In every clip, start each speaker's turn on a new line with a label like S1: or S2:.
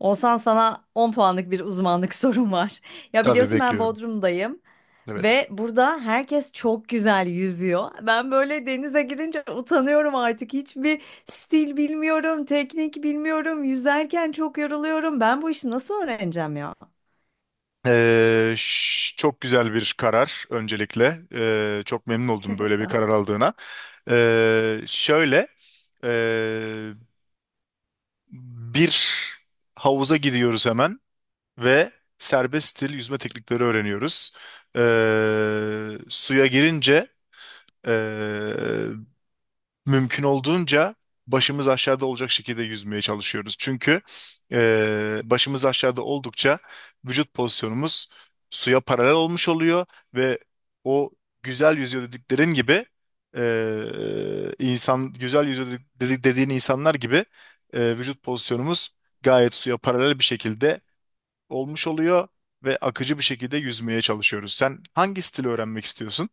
S1: Olsan sana 10 puanlık bir uzmanlık sorum var. Ya
S2: Tabii
S1: biliyorsun ben
S2: bekliyorum.
S1: Bodrum'dayım
S2: Evet.
S1: ve burada herkes çok güzel yüzüyor. Ben böyle denize girince utanıyorum artık. Hiçbir stil bilmiyorum, teknik bilmiyorum. Yüzerken çok yoruluyorum. Ben bu işi nasıl öğreneceğim ya?
S2: Çok güzel bir karar öncelikle. Çok memnun oldum böyle
S1: Sağ
S2: bir
S1: ol.
S2: karar aldığına. Şöyle ee, Bir havuza gidiyoruz hemen ve serbest stil yüzme teknikleri öğreniyoruz. Suya girince ee, mümkün olduğunca başımız aşağıda olacak şekilde yüzmeye çalışıyoruz. Çünkü başımız aşağıda oldukça vücut pozisyonumuz suya paralel olmuş oluyor ve o güzel yüzüyor dediklerin gibi e, insan güzel yüzüyor dediğin insanlar gibi vücut pozisyonumuz gayet suya paralel bir şekilde olmuş oluyor ve akıcı bir şekilde yüzmeye çalışıyoruz. Sen hangi stili öğrenmek istiyorsun?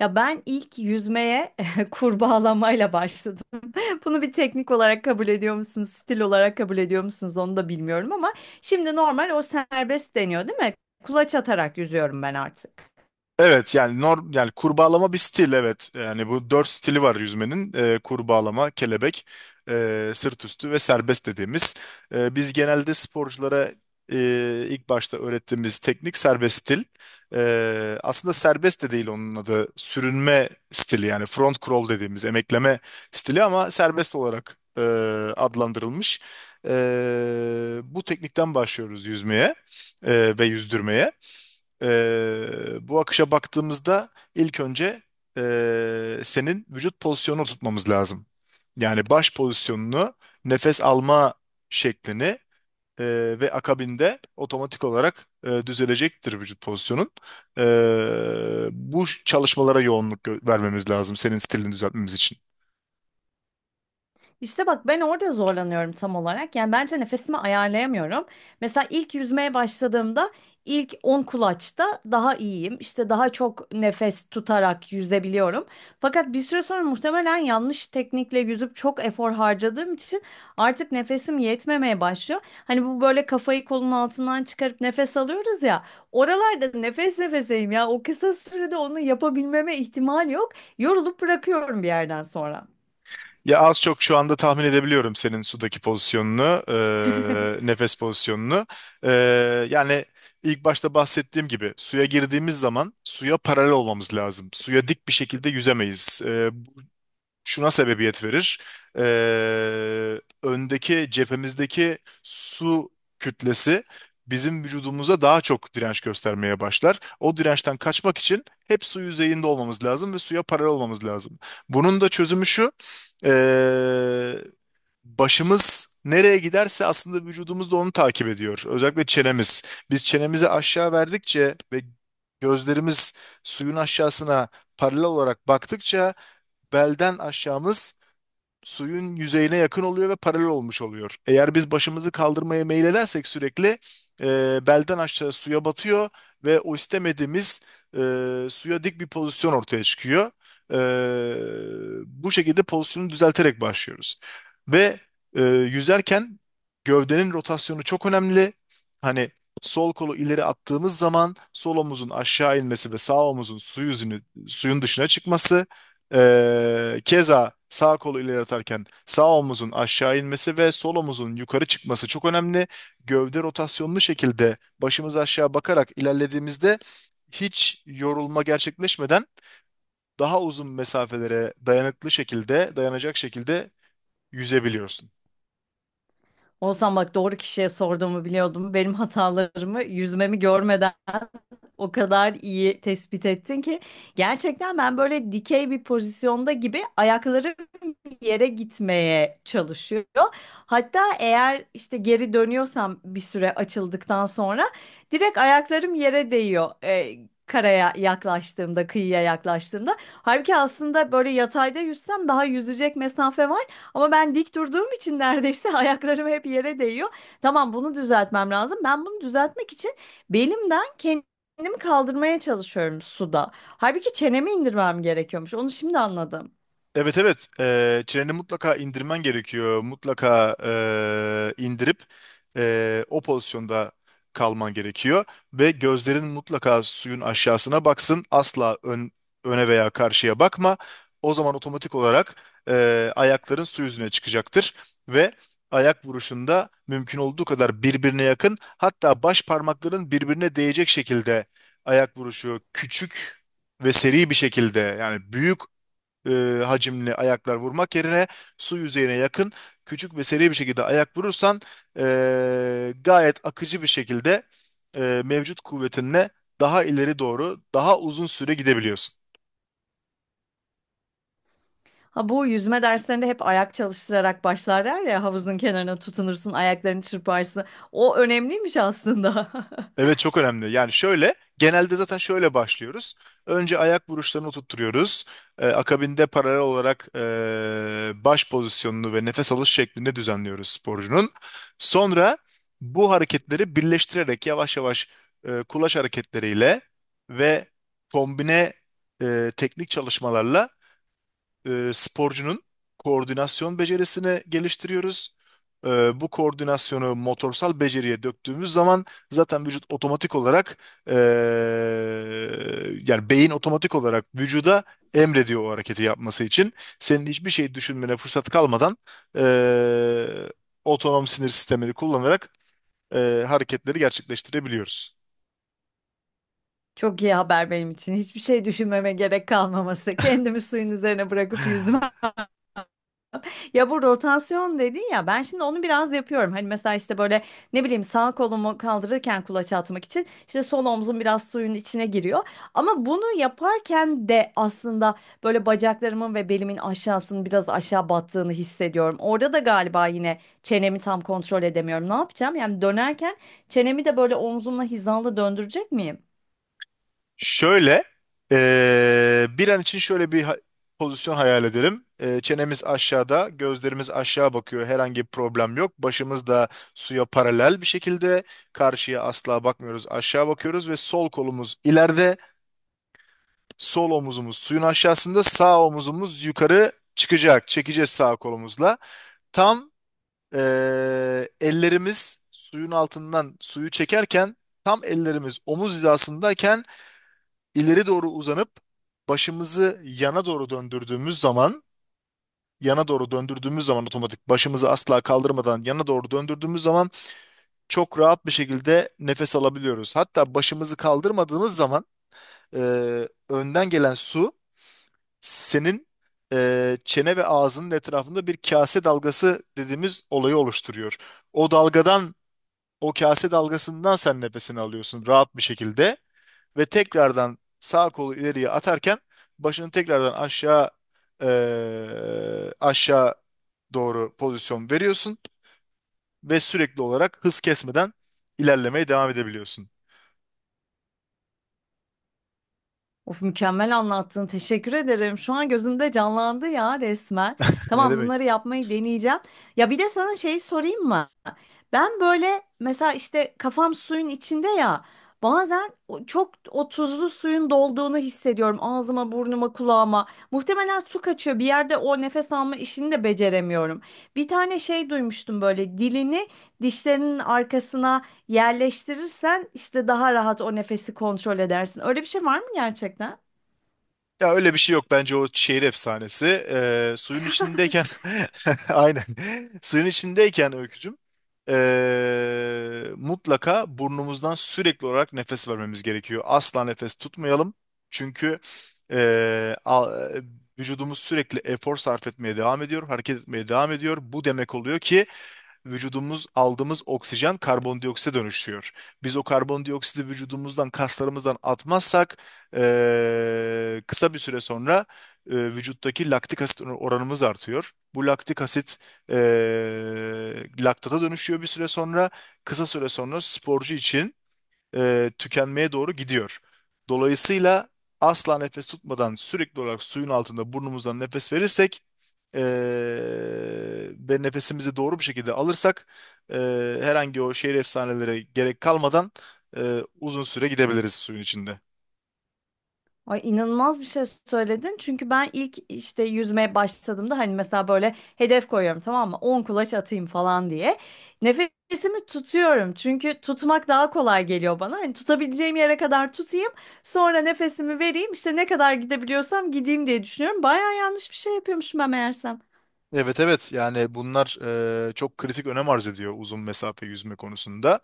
S1: Ya ben ilk yüzmeye kurbağalamayla başladım. Bunu bir teknik olarak kabul ediyor musunuz, stil olarak kabul ediyor musunuz onu da bilmiyorum ama şimdi normal o serbest deniyor değil mi? Kulaç atarak yüzüyorum ben artık.
S2: Evet, yani norm, yani kurbağalama bir stil, evet. Yani bu dört stili var yüzmenin. Kurbağalama, kelebek, sırt üstü ve serbest dediğimiz. Biz genelde sporculara ilk başta öğrettiğimiz teknik serbest stil. Aslında serbest de değil onun adı. Sürünme stili, yani front crawl dediğimiz emekleme stili, ama serbest olarak adlandırılmış. Bu teknikten başlıyoruz yüzmeye ve yüzdürmeye. Bu akışa baktığımızda ilk önce senin vücut pozisyonunu tutmamız lazım. Yani baş pozisyonunu, nefes alma şeklini ve akabinde otomatik olarak düzelecektir vücut pozisyonun. Bu çalışmalara yoğunluk vermemiz lazım senin stilini düzeltmemiz için.
S1: İşte bak ben orada zorlanıyorum tam olarak. Yani bence nefesimi ayarlayamıyorum. Mesela ilk yüzmeye başladığımda ilk 10 kulaçta daha iyiyim. İşte daha çok nefes tutarak yüzebiliyorum. Fakat bir süre sonra muhtemelen yanlış teknikle yüzüp çok efor harcadığım için artık nefesim yetmemeye başlıyor. Hani bu böyle kafayı kolun altından çıkarıp nefes alıyoruz ya. Oralarda nefes nefeseyim ya. O kısa sürede onu yapabilmeme ihtimal yok. Yorulup bırakıyorum bir yerden sonra.
S2: Ya az çok şu anda tahmin edebiliyorum senin sudaki pozisyonunu, nefes pozisyonunu. Eee, yani ilk başta bahsettiğim gibi suya girdiğimiz zaman suya paralel olmamız lazım. Suya dik bir şekilde yüzemeyiz. Şuna sebebiyet verir. Öndeki cephemizdeki su kütlesi bizim vücudumuza daha çok direnç göstermeye başlar. O dirençten kaçmak için hep su yüzeyinde olmamız lazım ve suya paralel olmamız lazım. Bunun da çözümü şu. ee, Başımız nereye giderse aslında vücudumuz da onu takip ediyor. Özellikle çenemiz. Biz çenemizi aşağı verdikçe ve gözlerimiz suyun aşağısına paralel olarak baktıkça belden aşağımız suyun yüzeyine yakın oluyor ve paralel olmuş oluyor. Eğer biz başımızı kaldırmaya meyledersek sürekli e, belden aşağı suya batıyor ve o istemediğimiz e, suya dik bir pozisyon ortaya çıkıyor. E, Bu şekilde pozisyonu düzelterek başlıyoruz. Ve yüzerken gövdenin rotasyonu çok önemli. Hani sol kolu ileri attığımız zaman sol omuzun aşağı inmesi ve sağ omuzun su yüzünü, suyun dışına çıkması, keza sağ kolu ileri atarken sağ omuzun aşağı inmesi ve sol omuzun yukarı çıkması çok önemli. Gövde rotasyonlu şekilde başımız aşağı bakarak ilerlediğimizde hiç yorulma gerçekleşmeden daha uzun mesafelere dayanıklı şekilde, dayanacak şekilde yüzebiliyorsun.
S1: Olsam bak doğru kişiye sorduğumu biliyordum. Benim hatalarımı yüzmemi görmeden o kadar iyi tespit ettin ki gerçekten ben böyle dikey bir pozisyonda gibi ayaklarım yere gitmeye çalışıyor. Hatta eğer işte geri dönüyorsam bir süre açıldıktan sonra direkt ayaklarım yere değiyor. Karaya yaklaştığımda, kıyıya yaklaştığımda. Halbuki aslında böyle yatayda yüzsem daha yüzecek mesafe var ama ben dik durduğum için neredeyse ayaklarım hep yere değiyor. Tamam bunu düzeltmem lazım. Ben bunu düzeltmek için belimden kendimi kaldırmaya çalışıyorum suda. Halbuki çenemi indirmem gerekiyormuş. Onu şimdi anladım.
S2: Evet, evet. Treni mutlaka indirmen gerekiyor. Mutlaka indirip o pozisyonda kalman gerekiyor. Ve gözlerin mutlaka suyun aşağısına baksın. Asla öne veya karşıya bakma. O zaman otomatik olarak ayakların su yüzüne çıkacaktır. Ve ayak vuruşunda mümkün olduğu kadar birbirine yakın, hatta baş parmakların birbirine değecek şekilde ayak vuruşu küçük ve seri bir şekilde, yani büyük hacimli ayaklar vurmak yerine su yüzeyine yakın küçük ve seri bir şekilde ayak vurursan gayet akıcı bir şekilde mevcut kuvvetinle daha ileri doğru daha uzun süre gidebiliyorsun.
S1: Ha bu yüzme derslerinde hep ayak çalıştırarak başlarlar ya havuzun kenarına tutunursun, ayaklarını çırparsın. O önemliymiş aslında.
S2: Evet, çok önemli. Yani şöyle, genelde zaten şöyle başlıyoruz. Önce ayak vuruşlarını tutturuyoruz. Akabinde paralel olarak baş pozisyonunu ve nefes alış şeklinde düzenliyoruz sporcunun. Sonra bu hareketleri birleştirerek yavaş yavaş kulaç hareketleriyle ve kombine teknik çalışmalarla sporcunun koordinasyon becerisini geliştiriyoruz. Bu koordinasyonu motorsal beceriye döktüğümüz zaman zaten vücut otomatik olarak e, yani beyin otomatik olarak vücuda emrediyor o hareketi yapması için. Senin hiçbir şey düşünmene fırsat kalmadan e, otonom sinir sistemini kullanarak hareketleri gerçekleştirebiliyoruz.
S1: Çok iyi haber benim için. Hiçbir şey düşünmeme gerek kalmaması. Kendimi suyun üzerine bırakıp yüzmem. Ya bu rotasyon dedin ya ben şimdi onu biraz yapıyorum. Hani mesela işte böyle ne bileyim sağ kolumu kaldırırken kulaç atmak için işte sol omzum biraz suyun içine giriyor. Ama bunu yaparken de aslında böyle bacaklarımın ve belimin aşağısının biraz aşağı battığını hissediyorum. Orada da galiba yine çenemi tam kontrol edemiyorum. Ne yapacağım? Yani dönerken çenemi de böyle omzumla hizalı döndürecek miyim?
S2: Şöyle, bir an için şöyle bir pozisyon hayal edelim. Çenemiz aşağıda, gözlerimiz aşağı bakıyor. Herhangi bir problem yok. Başımız da suya paralel bir şekilde. Karşıya asla bakmıyoruz. Aşağı bakıyoruz ve sol kolumuz ileride, sol omuzumuz suyun aşağısında, sağ omuzumuz yukarı çıkacak. Çekeceğiz sağ kolumuzla. Tam ellerimiz suyun altından suyu çekerken, tam ellerimiz omuz hizasındayken ileri doğru uzanıp başımızı yana doğru döndürdüğümüz zaman, yana doğru döndürdüğümüz zaman, otomatik başımızı asla kaldırmadan yana doğru döndürdüğümüz zaman çok rahat bir şekilde nefes alabiliyoruz. Hatta başımızı kaldırmadığımız zaman e, önden gelen su senin çene ve ağzının etrafında bir kase dalgası dediğimiz olayı oluşturuyor. O dalgadan, o kase dalgasından sen nefesini alıyorsun rahat bir şekilde. Ve tekrardan sağ kolu ileriye atarken başını tekrardan aşağı, aşağı doğru pozisyon veriyorsun ve sürekli olarak hız kesmeden ilerlemeye devam edebiliyorsun.
S1: Of mükemmel anlattın. Teşekkür ederim. Şu an gözümde canlandı ya resmen.
S2: Ne
S1: Tamam
S2: demek?
S1: bunları yapmayı deneyeceğim. Ya bir de sana şey sorayım mı? Ben böyle mesela işte kafam suyun içinde ya. Bazen çok o tuzlu suyun dolduğunu hissediyorum ağzıma, burnuma, kulağıma. Muhtemelen su kaçıyor. Bir yerde o nefes alma işini de beceremiyorum. Bir tane şey duymuştum böyle dilini dişlerinin arkasına yerleştirirsen işte daha rahat o nefesi kontrol edersin. Öyle bir şey var mı gerçekten?
S2: Ya öyle bir şey yok, bence o şehir efsanesi. Suyun içindeyken aynen, suyun içindeyken Öykücüm, mutlaka burnumuzdan sürekli olarak nefes vermemiz gerekiyor. Asla nefes tutmayalım. Çünkü ee, a- vücudumuz sürekli efor sarf etmeye devam ediyor, hareket etmeye devam ediyor. Bu demek oluyor ki vücudumuz aldığımız oksijen karbondioksite dönüşüyor. Biz o karbondioksidi vücudumuzdan, kaslarımızdan atmazsak kısa bir süre sonra vücuttaki laktik asit oranımız artıyor. Bu laktik asit eee laktata dönüşüyor bir süre sonra. Kısa süre sonra sporcu için tükenmeye doğru gidiyor. Dolayısıyla asla nefes tutmadan sürekli olarak suyun altında burnumuzdan nefes verirsek ve nefesimizi doğru bir şekilde alırsak herhangi o şehir efsanelere gerek kalmadan uzun süre gidebiliriz suyun içinde.
S1: Ay inanılmaz bir şey söyledin. Çünkü ben ilk işte yüzmeye başladığımda hani mesela böyle hedef koyuyorum tamam mı? 10 kulaç atayım falan diye. Nefesimi tutuyorum. Çünkü tutmak daha kolay geliyor bana. Hani tutabileceğim yere kadar tutayım. Sonra nefesimi vereyim. İşte ne kadar gidebiliyorsam gideyim diye düşünüyorum. Baya yanlış bir şey yapıyormuşum ben meğersem.
S2: Evet, evet, yani bunlar çok kritik önem arz ediyor uzun mesafe yüzme konusunda.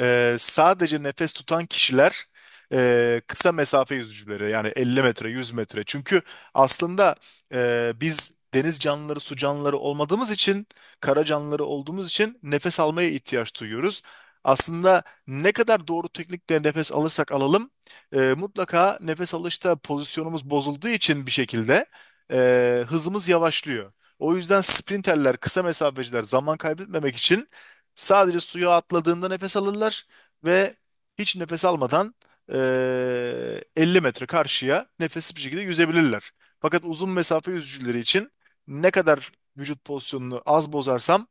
S2: Sadece nefes tutan kişiler kısa mesafe yüzücüleri, yani 50 metre, 100 metre. Çünkü aslında biz deniz canlıları, su canlıları olmadığımız için, kara canlıları olduğumuz için nefes almaya ihtiyaç duyuyoruz. Aslında ne kadar doğru teknikle nefes alırsak alalım mutlaka nefes alışta pozisyonumuz bozulduğu için bir şekilde hızımız yavaşlıyor. O yüzden sprinterler, kısa mesafeciler zaman kaybetmemek için sadece suya atladığında nefes alırlar ve hiç nefes almadan 50 metre karşıya nefesli bir şekilde yüzebilirler. Fakat uzun mesafe yüzücüleri için ne kadar vücut pozisyonunu az bozarsam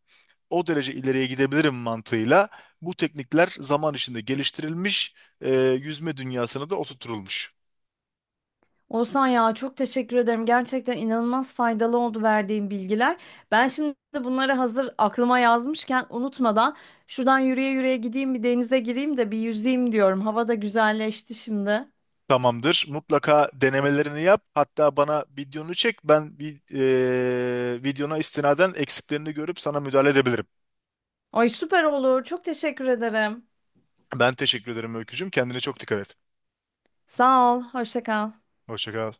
S2: o derece ileriye gidebilirim mantığıyla bu teknikler zaman içinde geliştirilmiş, eee, yüzme dünyasına da oturtulmuş.
S1: Olsan ya çok teşekkür ederim. Gerçekten inanılmaz faydalı oldu verdiğin bilgiler. Ben şimdi bunları hazır aklıma yazmışken unutmadan şuradan yürüye yürüye gideyim bir denize gireyim de bir yüzeyim diyorum. Hava da güzelleşti şimdi.
S2: Tamamdır. Mutlaka denemelerini yap. Hatta bana videonu çek. Ben bir videona istinaden eksiklerini görüp sana müdahale edebilirim.
S1: Ay süper olur. Çok teşekkür ederim.
S2: Ben teşekkür ederim Öykücüğüm. Kendine çok dikkat et.
S1: Sağ ol. Hoşça kal.
S2: Hoşça kal.